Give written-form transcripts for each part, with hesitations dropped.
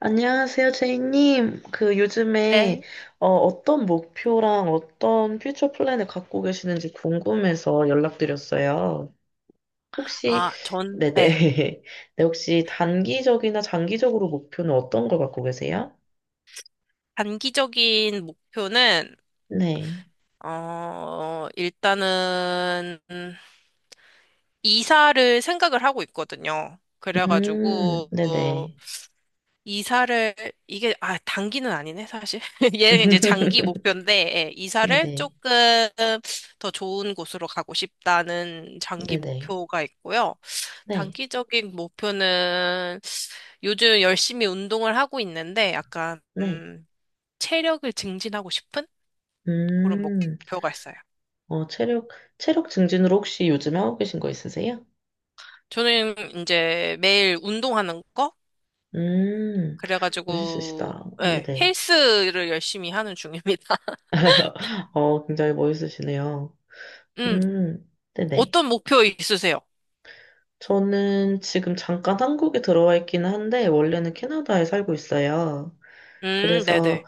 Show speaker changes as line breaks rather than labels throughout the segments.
안녕하세요, 제이님. 그 요즘에
네.
어떤 목표랑 어떤 퓨처 플랜을 갖고 계시는지 궁금해서 연락드렸어요. 혹시,
아, 전,
네네.
네.
네, 혹시 단기적이나 장기적으로 목표는 어떤 걸 갖고 계세요?
단기적인 목표는,
네.
일단은, 이사를 생각을 하고 있거든요. 그래가지고,
네네.
이사를, 이게, 아, 단기는 아니네, 사실. 얘는 이제 장기 목표인데, 예, 이사를
네네.
조금 더 좋은 곳으로 가고 싶다는 장기
네네.
목표가 있고요.
네.
단기적인 목표는 요즘 열심히 운동을 하고 있는데, 약간,
네.
체력을 증진하고 싶은 그런
음,
목표가 있어요.
어, 체력, 체력 증진으로 혹시 요즘에 하고 계신 거 있으세요?
저는 이제 매일 운동하는 거?
음, 멋있으시다.
그래가지고, 예,
네네.
헬스를 열심히 하는 중입니다.
굉장히 멋있으시네요.
음,
네네.
어떤 목표 있으세요?
저는 지금 잠깐 한국에 들어와 있기는 한데, 원래는 캐나다에 살고 있어요. 그래서,
네네.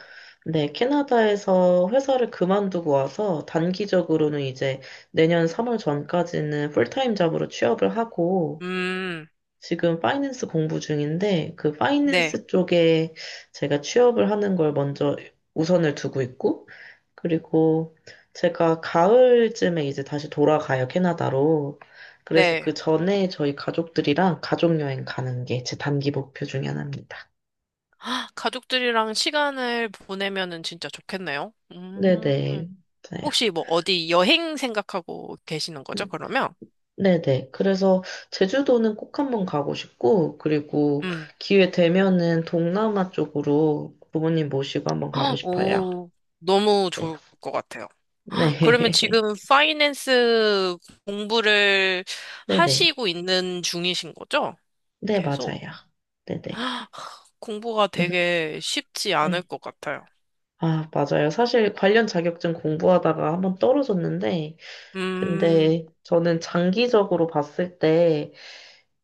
네, 캐나다에서 회사를 그만두고 와서, 단기적으로는 이제 내년 3월 전까지는 풀타임 잡으로 취업을 하고,
음,
지금 파이낸스 공부 중인데 그
네,
파이낸스 쪽에 제가 취업을 하는 걸 먼저 우선을 두고 있고, 그리고 제가 가을쯤에 이제 다시 돌아가요, 캐나다로. 그래서
네.
그 전에 저희 가족들이랑 가족 여행 가는 게 제 단기 목표 중에 하나입니다.
아, 가족들이랑 시간을 보내면은 진짜 좋겠네요.
네네. 맞아요.
혹시 뭐 어디 여행 생각하고 계시는 거죠,
네-
그러면?
네네. 그래서 제주도는 꼭 한번 가고 싶고, 그리고
음,
기회 되면은 동남아 쪽으로 부모님 모시고 한번 가고 싶어요.
오, 너무
네.
좋을 것 같아요. 그러면
네.
지금 파이낸스 공부를
네네.
하시고 있는 중이신 거죠?
네,
계속
맞아요. 네네.
공부가
음,
되게 쉽지 않을
네.
것 같아요.
아, 맞아요. 사실 관련 자격증 공부하다가 한번 떨어졌는데,
음,
근데 저는 장기적으로 봤을 때,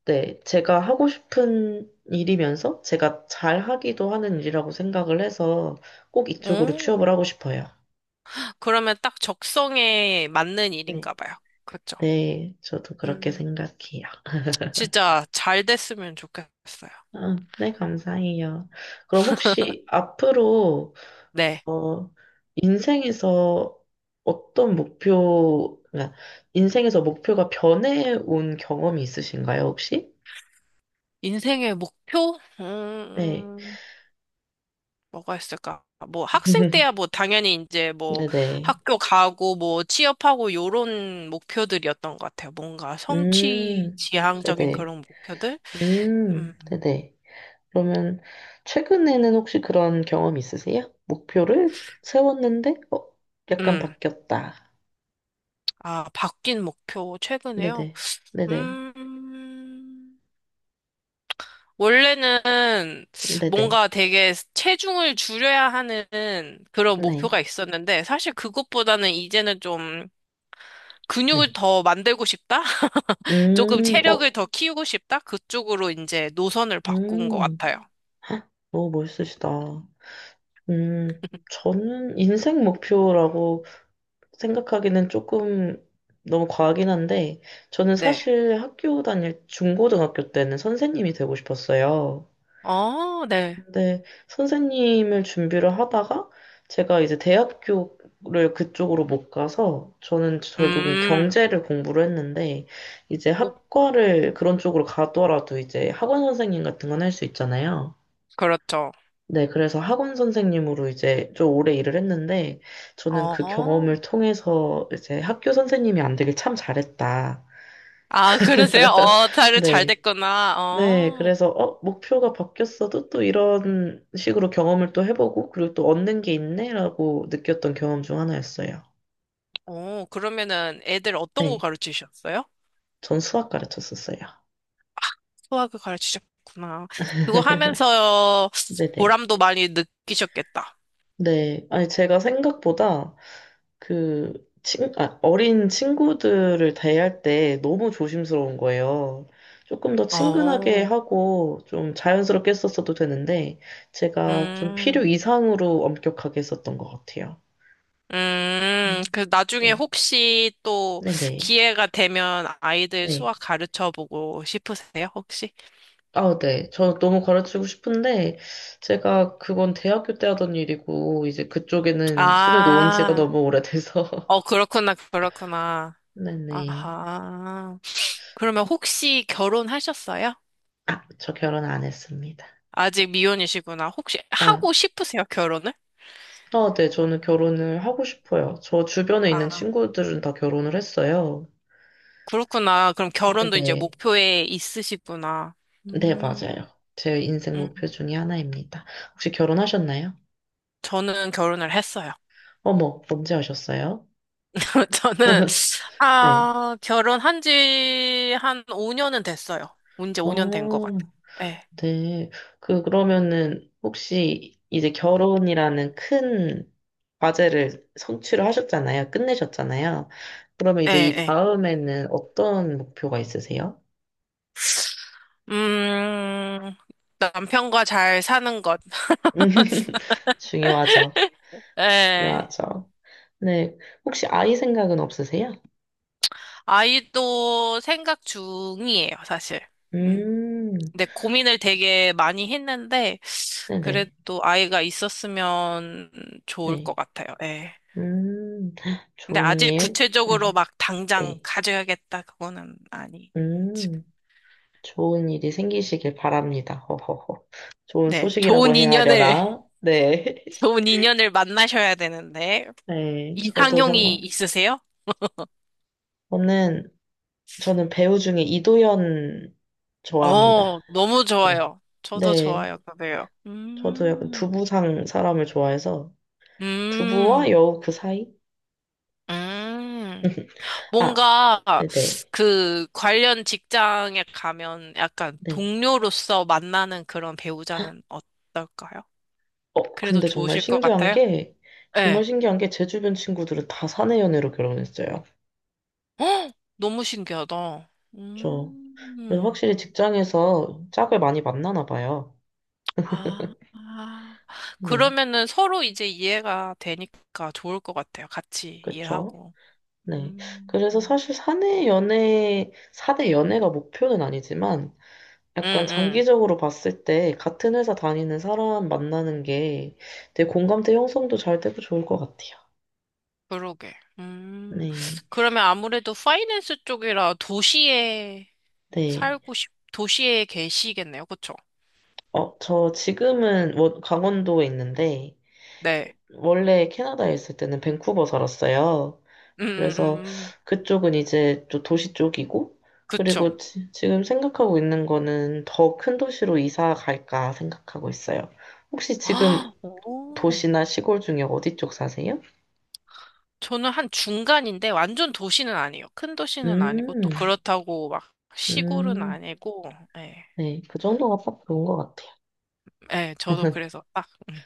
네, 제가 하고 싶은 일이면서 제가 잘 하기도 하는 일이라고 생각을 해서 꼭 이쪽으로
오,
취업을 하고 싶어요.
그러면 딱 적성에 맞는
네.
일인가 봐요. 그렇죠?
네, 저도 그렇게
음,
생각해요.
진짜 잘 됐으면 좋겠어요.
아, 네, 감사해요. 그럼 혹시 앞으로
네.
어, 인생에서 어떤 목표, 그러니까 인생에서 목표가 변해온 경험이 있으신가요, 혹시?
인생의 목표?
네.
음. 뭐가 있을까? 뭐 학생 때야 뭐 당연히 이제 뭐
네네.
학교 가고 뭐 취업하고 요런 목표들이었던 것 같아요. 뭔가 성취
음,
지향적인
네네.
그런 목표들? 음,
네네. 그러면 최근에는 혹시 그런 경험 있으세요? 목표를 세웠는데, 약간
음.
바뀌었다.
아, 바뀐 목표 최근에요?
네네. 네네.
음. 원래는
네네.
뭔가 되게 체중을 줄여야 하는 그런 목표가
네.
있었는데 사실 그것보다는 이제는 좀 근육을
네.
더 만들고 싶다? 조금
어,
체력을 더 키우고 싶다? 그쪽으로 이제 노선을 바꾼 것
음.
같아요.
헉, 너무 멋있으시다. 저는 인생 목표라고 생각하기는 조금 너무 과하긴 한데, 저는
네.
사실 학교 다닐 중고등학교 때는 선생님이 되고 싶었어요.
어, 네.
근데 선생님을 준비를 하다가 제가 이제 대학교를 그쪽으로 못 가서 저는 결국엔
음,
경제를 공부를 했는데, 이제
오,
학과를 그런 쪽으로 가더라도 이제 학원 선생님 같은 건 할 수 있잖아요.
그렇죠.
네, 그래서 학원 선생님으로 이제 좀 오래 일을 했는데, 저는 그
어,
경험을 통해서 이제 학교 선생님이 안 되길 참 잘했다.
아, 그러세요? 어, 잘
네,
됐구나.
네,
어,
그래서, 목표가 바뀌었어도 또 이런 식으로 경험을 또 해보고, 그리고 또 얻는 게 있네라고 느꼈던 경험 중 하나였어요.
어, 그러면은 애들 어떤 거
네,
가르치셨어요?
전 수학 가르쳤었어요.
수학을 가르치셨구나. 그거 하면서
네네.
보람도 많이 느끼셨겠다.
네. 아니, 제가 생각보다 그, 아, 어린 친구들을 대할 때 너무 조심스러운 거예요. 조금 더 친근하게
어,
하고 좀 자연스럽게 했었어도 되는데, 제가 좀 필요
음,
이상으로 엄격하게 했었던 것 같아요. 음,
그 나중에
네.
혹시 또
네네.
기회가 되면 아이들 수학
네.
가르쳐 보고 싶으세요, 혹시?
아, 네. 저 너무 가르치고 싶은데, 제가 그건 대학교 때 하던 일이고, 이제 그쪽에는 손을 놓은 지가
아,
너무 오래돼서.
어, 그렇구나, 그렇구나.
네네.
아하. 그러면 혹시 결혼하셨어요?
아, 저 결혼 안 했습니다.
아직 미혼이시구나. 혹시
아,
하고 싶으세요, 결혼을?
네, 저는 결혼을 하고 싶어요. 저 주변에 있는
아,
친구들은 다 결혼을 했어요.
그렇구나. 그럼
네,
결혼도 이제
네,
목표에 있으시구나.
네,
음,
맞아요. 제 인생 목표
음.
중에 하나입니다. 혹시 결혼하셨나요?
저는 결혼을 했어요.
어머, 언제 하셨어요?
저는,
네.
결혼한 지 한 5년은 됐어요. 이제 5년 된 것
어,
같아요. 예,
네. 그러면은, 혹시 이제 결혼이라는 큰 과제를 성취를 하셨잖아요. 끝내셨잖아요. 그러면
예,
이제 이
예.
다음에는 어떤 목표가 있으세요?
음, 남편과 잘 사는 것.
중요하죠.
예.
중요하죠. 네. 혹시 아이 생각은 없으세요?
아이도 생각 중이에요, 사실. 음.
음,
근데 고민을 되게 많이 했는데,
네네.
그래도 아이가 있었으면 좋을 것
네.
같아요. 예.
네. 음,
근데
좋은
아직
일.
구체적으로
음,
막 당장
네.
가져야겠다, 그거는 아니.
음, 좋은 일이 생기시길 바랍니다. 허허허. 좋은
네,
소식이라고
좋은
해야
인연을,
하려나? 네.
좋은 인연을 만나셔야 되는데,
네. 저도
이상형이
정말.
있으세요?
저는, 저는 배우 중에 이도현 좋아합니다.
너무
네.
좋아요. 저도
네.
좋아요, 그래요.
저도 약간 두부상 사람을 좋아해서 두부와
음,
여우 그 사이?
음.
아,
뭔가,
네네. 네.
그, 관련 직장에 가면 약간
네.
동료로서 만나는 그런 배우자는 어떨까요? 그래도
근데 정말
좋으실 것
신기한
같아요?
게, 정말
네.
신기한 게 제 주변 친구들은 다 사내 연애로 결혼했어요.
헉! 너무 신기하다.
저, 그래서
음.
확실히 직장에서 짝을 많이 만나나 봐요.
아, 아.
네,
그러면은 서로 이제 이해가 되니까 좋을 것 같아요. 같이
그쵸?
일하고.
네. 그래서
음,
사실 사내 연애, 사내 연애가 목표는 아니지만,
응,
약간
응.
장기적으로 봤을 때 같은 회사 다니는 사람 만나는 게 되게 공감대 형성도 잘 되고 좋을 것 같아요.
그러게. 음,
네,
그러면 아무래도 파이낸스 쪽이라
네.
도시에 계시겠네요. 그쵸?
저 지금은 강원도에 있는데,
네.
원래 캐나다에 있을 때는 밴쿠버 살았어요. 그래서
음.
그쪽은 이제 또 도시 쪽이고,
그쵸.
그리고 지금 생각하고 있는 거는 더 큰 도시로 이사 갈까 생각하고 있어요. 혹시 지금
아, 오.
도시나 시골 중에 어디 쪽 사세요?
저는 한 중간인데 완전 도시는 아니에요. 큰 도시는 아니고
음,
또 그렇다고 막 시골은
음,
아니고, 예.
네, 그 정도가 딱 좋은 것 같아요.
예, 저도 그래서 딱. 음.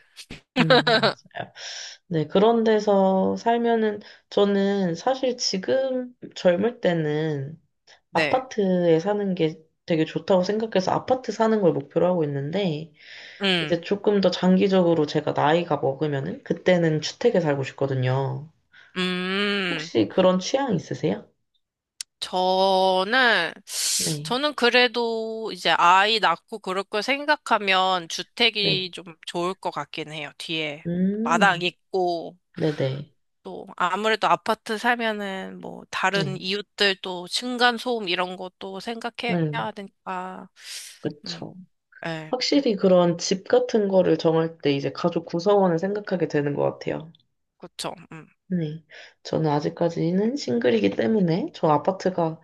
맞아요. 네, 그런 데서 살면은, 저는 사실 지금 젊을 때는
네.
아파트에 사는 게 되게 좋다고 생각해서 아파트 사는 걸 목표로 하고 있는데,
음,
이제 조금 더 장기적으로 제가 나이가 먹으면은, 그때는 주택에 살고 싶거든요.
음,
혹시 그런 취향 있으세요?
저는,
네,
저는 그래도 이제 아이 낳고 그럴 걸 생각하면
네.
주택이 좀 좋을 것 같긴 해요. 뒤에 마당
음,
있고,
네네.
또 아무래도 아파트 살면은 뭐 다른
네.
이웃들 또 층간소음 이런 것도
음,
생각해야 되니까, 음,
그쵸.
예,
확실히 그런 집 같은 거를 정할 때 이제 가족 구성원을 생각하게 되는 것 같아요.
그쵸.
네. 저는 아직까지는 싱글이기 때문에 저 아파트가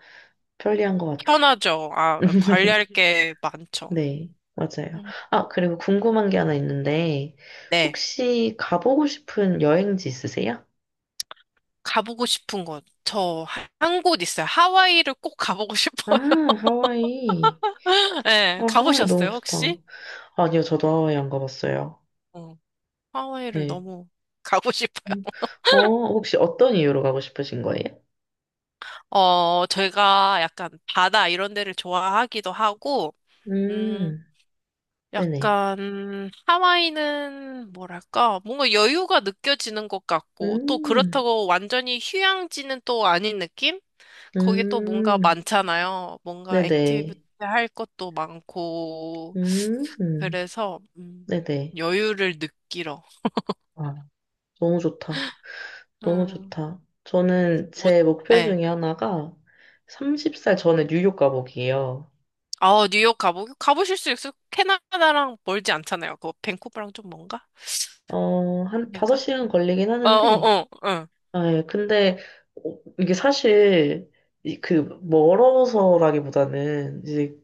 편리한 것 같아요.
편하죠. 아, 관리할 게 많죠.
네, 맞아요.
음.
아, 그리고 궁금한 게 하나 있는데,
네.
혹시 가보고 싶은 여행지 있으세요?
가보고 싶은 곳. 저 한 곳 있어요. 하와이를 꼭 가보고
아,
싶어요.
하와이.
네,
아, 하와이 너무
가보셨어요,
좋다.
혹시?
아니요, 저도 하와이 안 가봤어요.
어, 하와이를
네.
너무 가고 싶어요.
음, 어, 혹시 어떤 이유로 가고 싶으신 거예요?
제가 약간 바다 이런 데를 좋아하기도 하고, 음,
음, 네네.
약간 하와이는 뭐랄까, 뭔가 여유가 느껴지는 것 같고, 또
음,
그렇다고 완전히 휴양지는 또 아닌 느낌? 거기 또 뭔가
음,
많잖아요. 뭔가 액티비티
네네.
할 것도 많고.
음,
그래서
네네.
여유를 느끼러.
아, 너무 좋다. 너무
음,
좋다. 저는
뭐,
제 목표
네.
중에 하나가 30살 전에 뉴욕 가보기예요.
아, 뉴욕 가보 가보실 수있요 캐나다랑 멀지 않잖아요. 그거 밴쿠버랑 좀 먼가?
한
아닌가?
5시간 걸리긴
어,
하는데,
어, 어, 어.
아, 예, 근데 어, 이게 사실 그 멀어서라기보다는 이제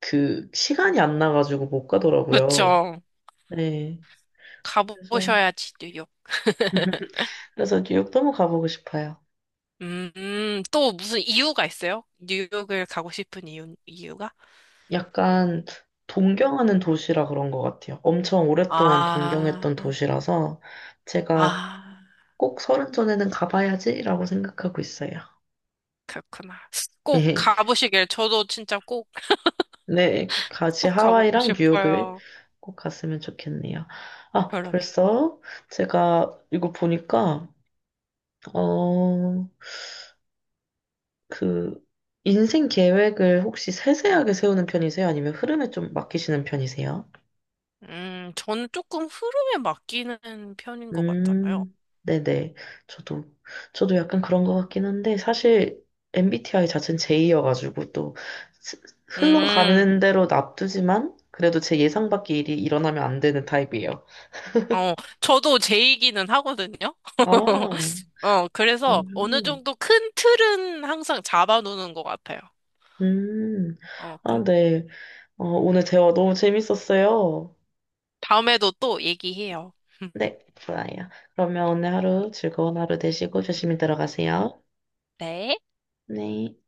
그 시간이 안 나가지고 못 가더라고요.
그쵸.
네. 그래서
가보셔야지 뉴욕.
그래서 뉴욕 너무 가보고 싶어요.
또 무슨 이유가 있어요? 뉴욕을 가고 싶은 이유가?
약간 동경하는 도시라 그런 것 같아요. 엄청 오랫동안
아,
동경했던 도시라서 제가
아.
꼭 30 전에는 가봐야지라고 생각하고 있어요.
그렇구나. 꼭 가보시길. 저도 진짜 꼭,
네, 같이
꼭 가고
하와이랑 뉴욕을
싶어요.
꼭 갔으면 좋겠네요. 아,
그러게.
벌써 제가 이거 보니까, 어, 그, 인생 계획을 혹시 세세하게 세우는 편이세요? 아니면 흐름에 좀 맡기시는 편이세요?
저는 조금 흐름에 맡기는 편인 것 같아요.
음, 네네. 저도, 저도 약간 그런 것 같긴 한데, 사실 MBTI 자체는 J여가지고 또 스-
음,
흘러가는 대로 놔두지만, 그래도 제 예상 밖의 일이 일어나면 안 되는 타입이에요.
어, 저도 제이기는 하거든요.
아,
그래서 어느
음,
정도 큰 틀은 항상 잡아놓는 것 같아요.
음.
어, 그,
아, 네. 오늘 대화 너무 재밌었어요.
다음에도 또 얘기해요.
네, 좋아요. 그러면 오늘 하루 즐거운 하루 되시고 조심히 들어가세요.
네.
네.